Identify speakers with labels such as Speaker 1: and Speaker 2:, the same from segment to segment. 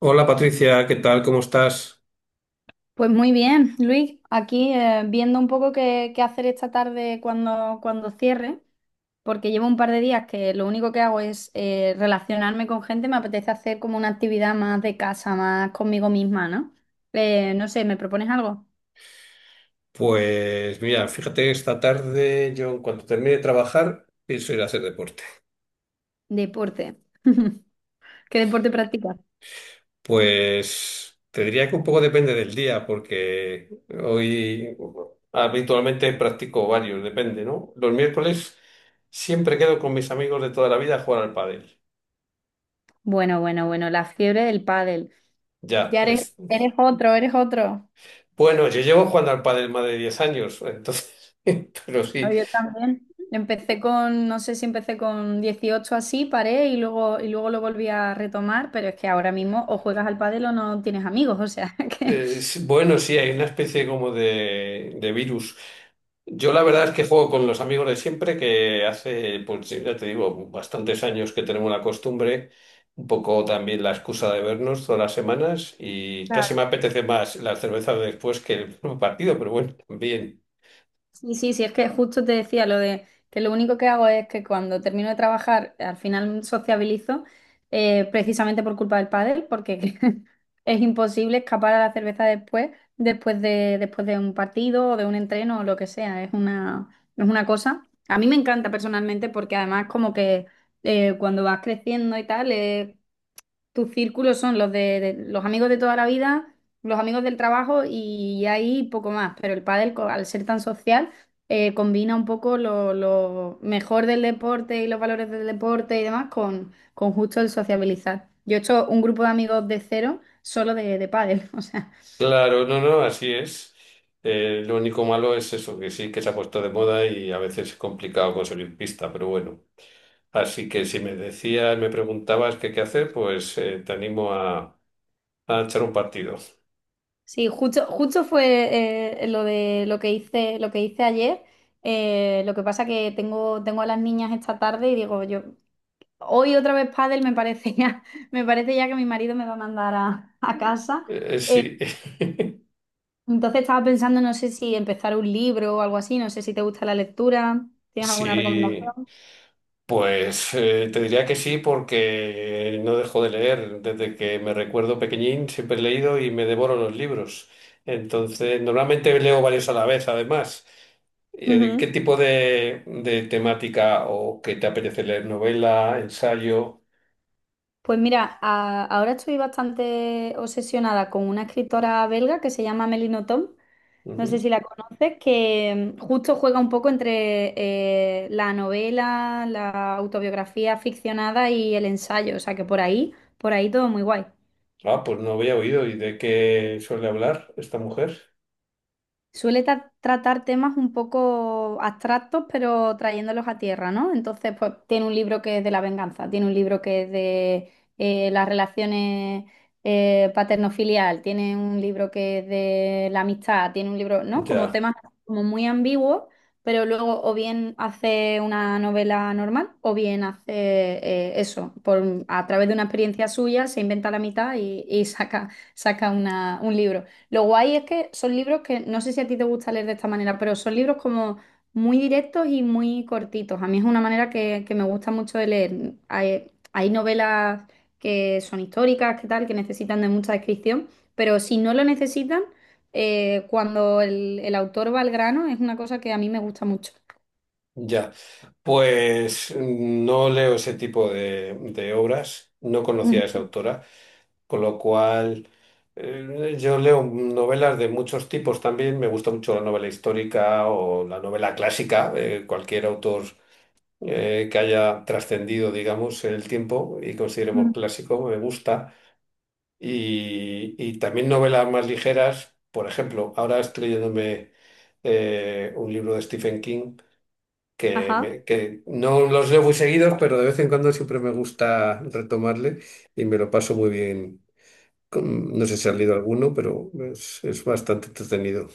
Speaker 1: Hola Patricia, ¿qué tal? ¿Cómo estás?
Speaker 2: Pues muy bien, Luis, aquí viendo un poco qué hacer esta tarde cuando cierre, porque llevo un par de días que lo único que hago es relacionarme con gente, me apetece hacer como una actividad más de casa, más conmigo misma, ¿no? No sé, ¿me propones algo?
Speaker 1: Pues mira, fíjate que esta tarde yo cuando termine de trabajar pienso ir a hacer deporte.
Speaker 2: Deporte. ¿Qué deporte practicas?
Speaker 1: Pues te diría que un poco depende del día porque hoy habitualmente practico varios, depende, ¿no? Los miércoles siempre quedo con mis amigos de toda la vida a jugar al pádel.
Speaker 2: Bueno, bueno, bueno, la fiebre del pádel.
Speaker 1: Ya,
Speaker 2: Ya eres,
Speaker 1: es...
Speaker 2: eres otro, eres otro.
Speaker 1: Bueno, yo llevo jugando al pádel más de 10 años, entonces, pero
Speaker 2: No,
Speaker 1: sí,
Speaker 2: yo también. No sé si empecé con 18 así, paré y luego lo volví a retomar, pero es que ahora mismo o juegas al pádel o no tienes amigos, o sea que...
Speaker 1: sí, bueno, sí, hay una especie como de virus. Yo la verdad es que juego con los amigos de siempre, que hace, pues sí, ya te digo, bastantes años que tenemos la costumbre, un poco también la excusa de vernos todas las semanas y casi me apetece más la cerveza de después que el partido, pero bueno, también.
Speaker 2: Sí, sí, sí, es que justo te decía lo de que lo único que hago es que cuando termino de trabajar, al final sociabilizo, precisamente por culpa del pádel, porque es imposible escapar a la cerveza después de un partido o de un entreno o lo que sea. Es una cosa. A mí me encanta personalmente porque además como que cuando vas creciendo y tal, es tus círculos son los los amigos de toda la vida, los amigos del trabajo y ahí poco más. Pero el pádel, al ser tan social, combina un poco lo mejor del deporte y los valores del deporte y demás con justo el sociabilizar. Yo he hecho un grupo de amigos de cero solo de pádel, o sea.
Speaker 1: Claro, no, no, así es. Lo único malo es eso, que sí, que se ha puesto de moda y a veces es complicado conseguir pista, pero bueno. Así que si me decías, me preguntabas qué hacer, pues te animo a echar un partido.
Speaker 2: Sí, justo fue lo que hice ayer. Lo que pasa que tengo a las niñas esta tarde y digo, yo hoy otra vez pádel me parece ya, me parece ya que mi marido me va a mandar a casa. Eh,
Speaker 1: Sí.
Speaker 2: entonces estaba pensando, no sé si empezar un libro o algo así, no sé si te gusta la lectura, ¿tienes alguna
Speaker 1: Sí,
Speaker 2: recomendación?
Speaker 1: pues te diría que sí porque no dejo de leer. Desde que me recuerdo pequeñín siempre he leído y me devoro los libros. Entonces, normalmente leo varios a la vez, además. ¿Qué
Speaker 2: Ujú.
Speaker 1: tipo de temática o qué te apetece leer? ¿Novela, ensayo?
Speaker 2: Pues mira, ahora estoy bastante obsesionada con una escritora belga que se llama Melino Tom, no sé
Speaker 1: Ujú.
Speaker 2: si la conoces, que justo juega un poco entre la novela, la autobiografía ficcionada y el ensayo, o sea que por ahí todo muy guay.
Speaker 1: Ah, pues no había oído. ¿Y de qué suele hablar esta mujer?
Speaker 2: Suele tratar temas un poco abstractos, pero trayéndolos a tierra, ¿no? Entonces, pues tiene un libro que es de la venganza, tiene un libro que es de las relaciones paterno-filial, tiene un libro que es de la amistad, tiene un libro, ¿no? Como
Speaker 1: Ya,
Speaker 2: temas como muy ambiguos, pero luego o bien hace una novela normal o bien hace eso, a través de una experiencia suya se inventa la mitad y saca un libro. Lo guay es que son libros que no sé si a ti te gusta leer de esta manera, pero son libros como muy directos y muy cortitos. A mí es una manera que me gusta mucho de leer. Hay novelas que son históricas, que tal, que necesitan de mucha descripción, pero si no lo necesitan, cuando el autor va al grano, es una cosa que a mí me gusta mucho.
Speaker 1: ya. Pues no leo ese tipo de obras. No conocía a esa autora. Con lo cual, yo leo novelas de muchos tipos también. Me gusta mucho la novela histórica o la novela clásica, cualquier autor que haya trascendido, digamos, el tiempo y consideremos
Speaker 2: Ujú.
Speaker 1: clásico, me gusta. Y también novelas más ligeras. Por ejemplo, ahora estoy leyéndome un libro de Stephen King. Que,
Speaker 2: Ajá.
Speaker 1: que no los leo muy seguidos, pero de vez en cuando siempre me gusta retomarle y me lo paso muy bien, no sé si ha leído alguno, pero es bastante entretenido.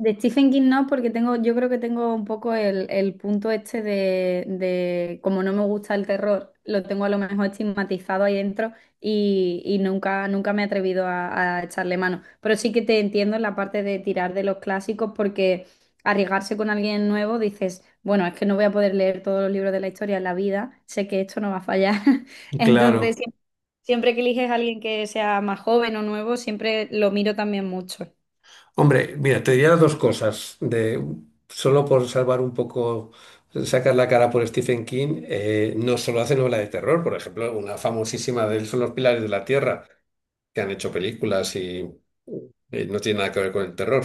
Speaker 2: De Stephen King no, porque yo creo que tengo un poco el punto este como no me gusta el terror, lo tengo a lo mejor estigmatizado ahí dentro y nunca me he atrevido a echarle mano. Pero sí que te entiendo en la parte de tirar de los clásicos, porque arriesgarse con alguien nuevo dices, bueno, es que no voy a poder leer todos los libros de la historia en la vida, sé que esto no va a fallar. Entonces,
Speaker 1: Claro.
Speaker 2: siempre que eliges a alguien que sea más joven o nuevo, siempre lo miro también mucho.
Speaker 1: Hombre, mira, te diría dos cosas. De, solo por salvar un poco, sacar la cara por Stephen King, no solo hace novela de terror. Por ejemplo, una famosísima de él son Los Pilares de la Tierra, que han hecho películas y no tiene nada que ver con el terror.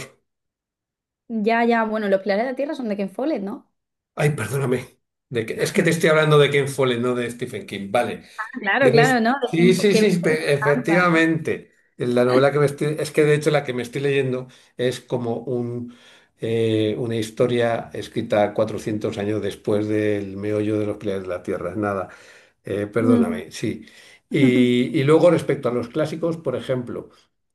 Speaker 2: Ya, ya, bueno, Los Pilares de la Tierra son de Ken Follett, ¿no?
Speaker 1: Ay, perdóname. Es que te estoy hablando de Ken Follett, no de Stephen King. Vale.
Speaker 2: Ah, claro, claro, no, de
Speaker 1: Sí, sí,
Speaker 2: Ken
Speaker 1: sí,
Speaker 2: Follett me encanta.
Speaker 1: efectivamente. La novela que me estoy... Es que de hecho la que me estoy leyendo es como un, una historia escrita 400 años después del meollo de Los Pilares de la Tierra. Es Nada,
Speaker 2: Mm.
Speaker 1: perdóname, sí. Y, y luego respecto a los clásicos, por ejemplo,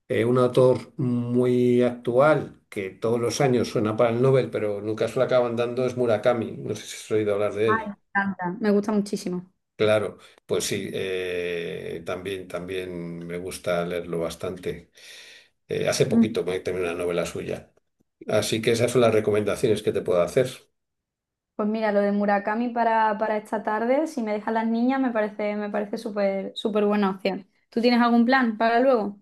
Speaker 1: un autor muy actual que todos los años suena para el Nobel, pero nunca se lo acaban dando es Murakami. No sé si has oído hablar de
Speaker 2: Ay, me
Speaker 1: él.
Speaker 2: encanta. Me gusta muchísimo.
Speaker 1: Claro, pues sí, también, también me gusta leerlo bastante. Hace
Speaker 2: Mm.
Speaker 1: poquito me terminé una novela suya. Así que esas son las recomendaciones que te puedo hacer.
Speaker 2: Pues mira, lo de Murakami para esta tarde, si me dejan las niñas, me parece súper, súper buena opción. ¿Tú tienes algún plan para luego?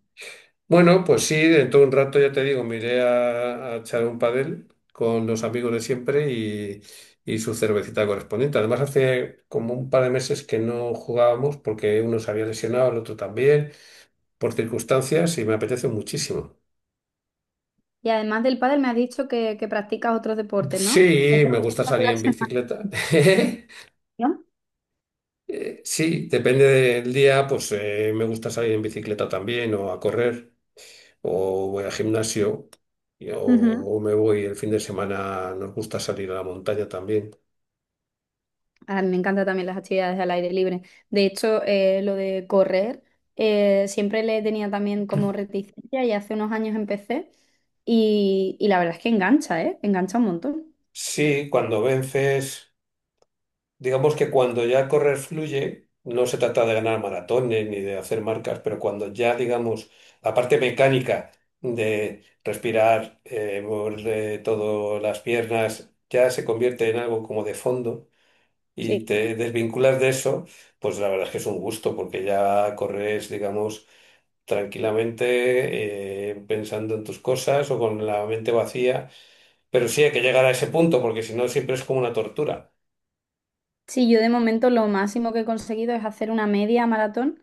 Speaker 1: Bueno, pues sí, dentro de un rato ya te digo, me iré a echar un padel con los amigos de siempre y su cervecita correspondiente. Además, hace como un par de meses que no jugábamos porque uno se había lesionado, el otro también, por circunstancias y me apetece muchísimo.
Speaker 2: Y además del pádel, me has dicho que practicas otros deportes, ¿no? Te
Speaker 1: Sí, me gusta
Speaker 2: puedo
Speaker 1: salir
Speaker 2: la
Speaker 1: en
Speaker 2: semana,
Speaker 1: bicicleta.
Speaker 2: ¿no?
Speaker 1: Sí, depende del día, pues me gusta salir en bicicleta también o a correr o voy al gimnasio
Speaker 2: Ujú.
Speaker 1: o me voy el fin de semana, nos gusta salir a la montaña también.
Speaker 2: Ah, me encantan también las actividades al aire libre. De hecho, lo de correr, siempre le tenía también como reticencia y hace unos años empecé y la verdad es que engancha, ¿eh? Engancha un montón.
Speaker 1: Sí, cuando vences, digamos que cuando ya correr fluye, no se trata de ganar maratones ni de hacer marcas, pero cuando ya, digamos, la parte mecánica de respirar, mover todas las piernas, ya se convierte en algo como de fondo y
Speaker 2: Sí.
Speaker 1: te desvinculas de eso, pues la verdad es que es un gusto porque ya corres, digamos, tranquilamente pensando en tus cosas o con la mente vacía, pero sí hay que llegar a ese punto porque si no siempre es como una tortura.
Speaker 2: Sí, yo de momento lo máximo que he conseguido es hacer una media maratón,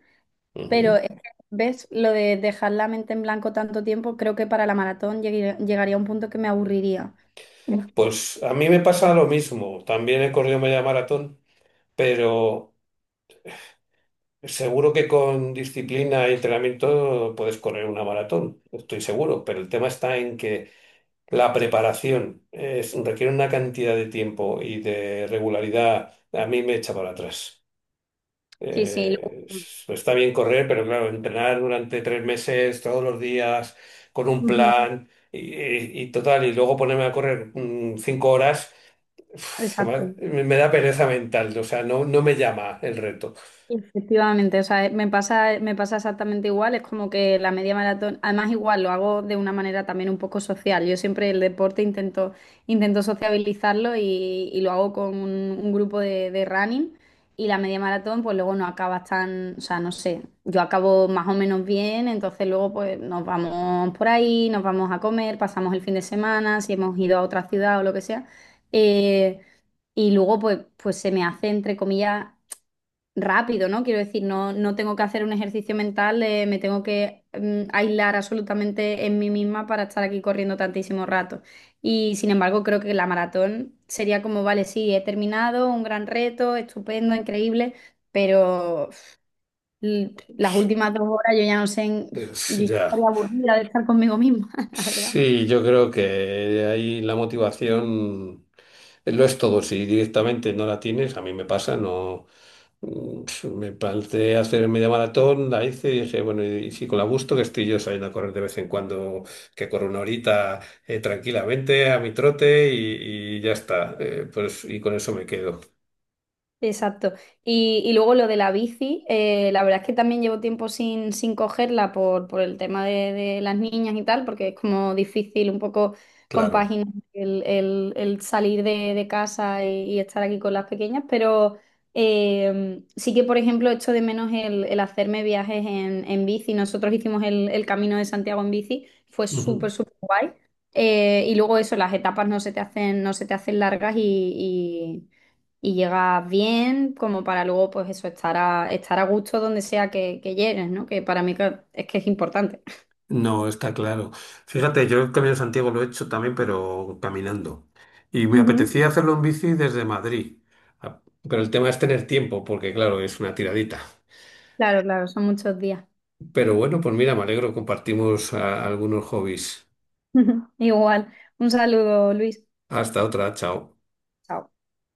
Speaker 2: pero
Speaker 1: Ujú.
Speaker 2: es que, ¿ves? Lo de dejar la mente en blanco tanto tiempo, creo que para la maratón llegaría a un punto que me aburriría. Uf.
Speaker 1: Pues a mí me pasa lo mismo, también he corrido media maratón, pero seguro que con disciplina y entrenamiento puedes correr una maratón, estoy seguro, pero el tema está en que la preparación requiere una cantidad de tiempo y de regularidad. A mí me echa para atrás.
Speaker 2: Sí, sí.
Speaker 1: Eh, está bien correr, pero claro, entrenar durante 3 meses, todos los días, con un
Speaker 2: Ujú.
Speaker 1: plan y, y total, y luego ponerme a correr 5 horas, uf, se
Speaker 2: Exacto.
Speaker 1: me, me da pereza mental. O sea, no, no me llama el reto.
Speaker 2: Efectivamente, o sea, me pasa exactamente igual, es como que la media maratón, además igual lo hago de una manera también un poco social, yo siempre el deporte intento sociabilizarlo y lo hago con un grupo de running y la media maratón pues luego no acabas tan, o sea, no sé, yo acabo más o menos bien, entonces luego pues nos vamos por ahí, nos vamos a comer, pasamos el fin de semana, si hemos ido a otra ciudad o lo que sea. Eh, y luego, pues se me hace, entre comillas, rápido, ¿no? Quiero decir, no tengo que hacer un ejercicio mental, me tengo que aislar absolutamente en mí misma para estar aquí corriendo tantísimo rato. Y sin embargo, creo que la maratón sería como, vale, sí, he terminado, un gran reto, estupendo, increíble, pero uf, las últimas 2 horas yo ya no sé, yo ya
Speaker 1: Ya.
Speaker 2: estaría aburrida de estar conmigo misma, la verdad.
Speaker 1: Sí, yo creo que ahí la motivación lo es todo. Si directamente no la tienes, a mí me pasa, no. Mm, me planteé hacer media maratón, la hice y dije, bueno, y si con la gusto que estoy yo saliendo a correr de vez en cuando, que corro una horita tranquilamente a mi trote y ya está. Pues, y con eso me quedo,
Speaker 2: Exacto. Y luego lo de la bici, la verdad es que también llevo tiempo sin cogerla por el tema de las niñas y tal, porque es como difícil un poco
Speaker 1: claro.
Speaker 2: compaginar el salir de casa y estar aquí con las pequeñas, pero sí que, por ejemplo, echo de menos el hacerme viajes en bici. Nosotros hicimos el Camino de Santiago en bici, fue súper, súper guay. Y luego eso, las etapas no se te hacen largas y llegas bien, como para luego, pues eso, estar a gusto donde sea que llegues, ¿no? Que para mí es que es importante.
Speaker 1: No, está claro. Fíjate, yo el Camino de Santiago lo he hecho también, pero caminando. Y me
Speaker 2: Ujú.
Speaker 1: apetecía hacerlo en bici desde Madrid. Ah, pero el tema es tener tiempo, porque claro, es una tiradita.
Speaker 2: Claro, claro, son muchos días.
Speaker 1: Pero bueno, pues mira, me alegro, compartimos ah, algunos hobbies.
Speaker 2: Igual. Un saludo, Luis.
Speaker 1: Hasta otra, chao.
Speaker 2: Chao.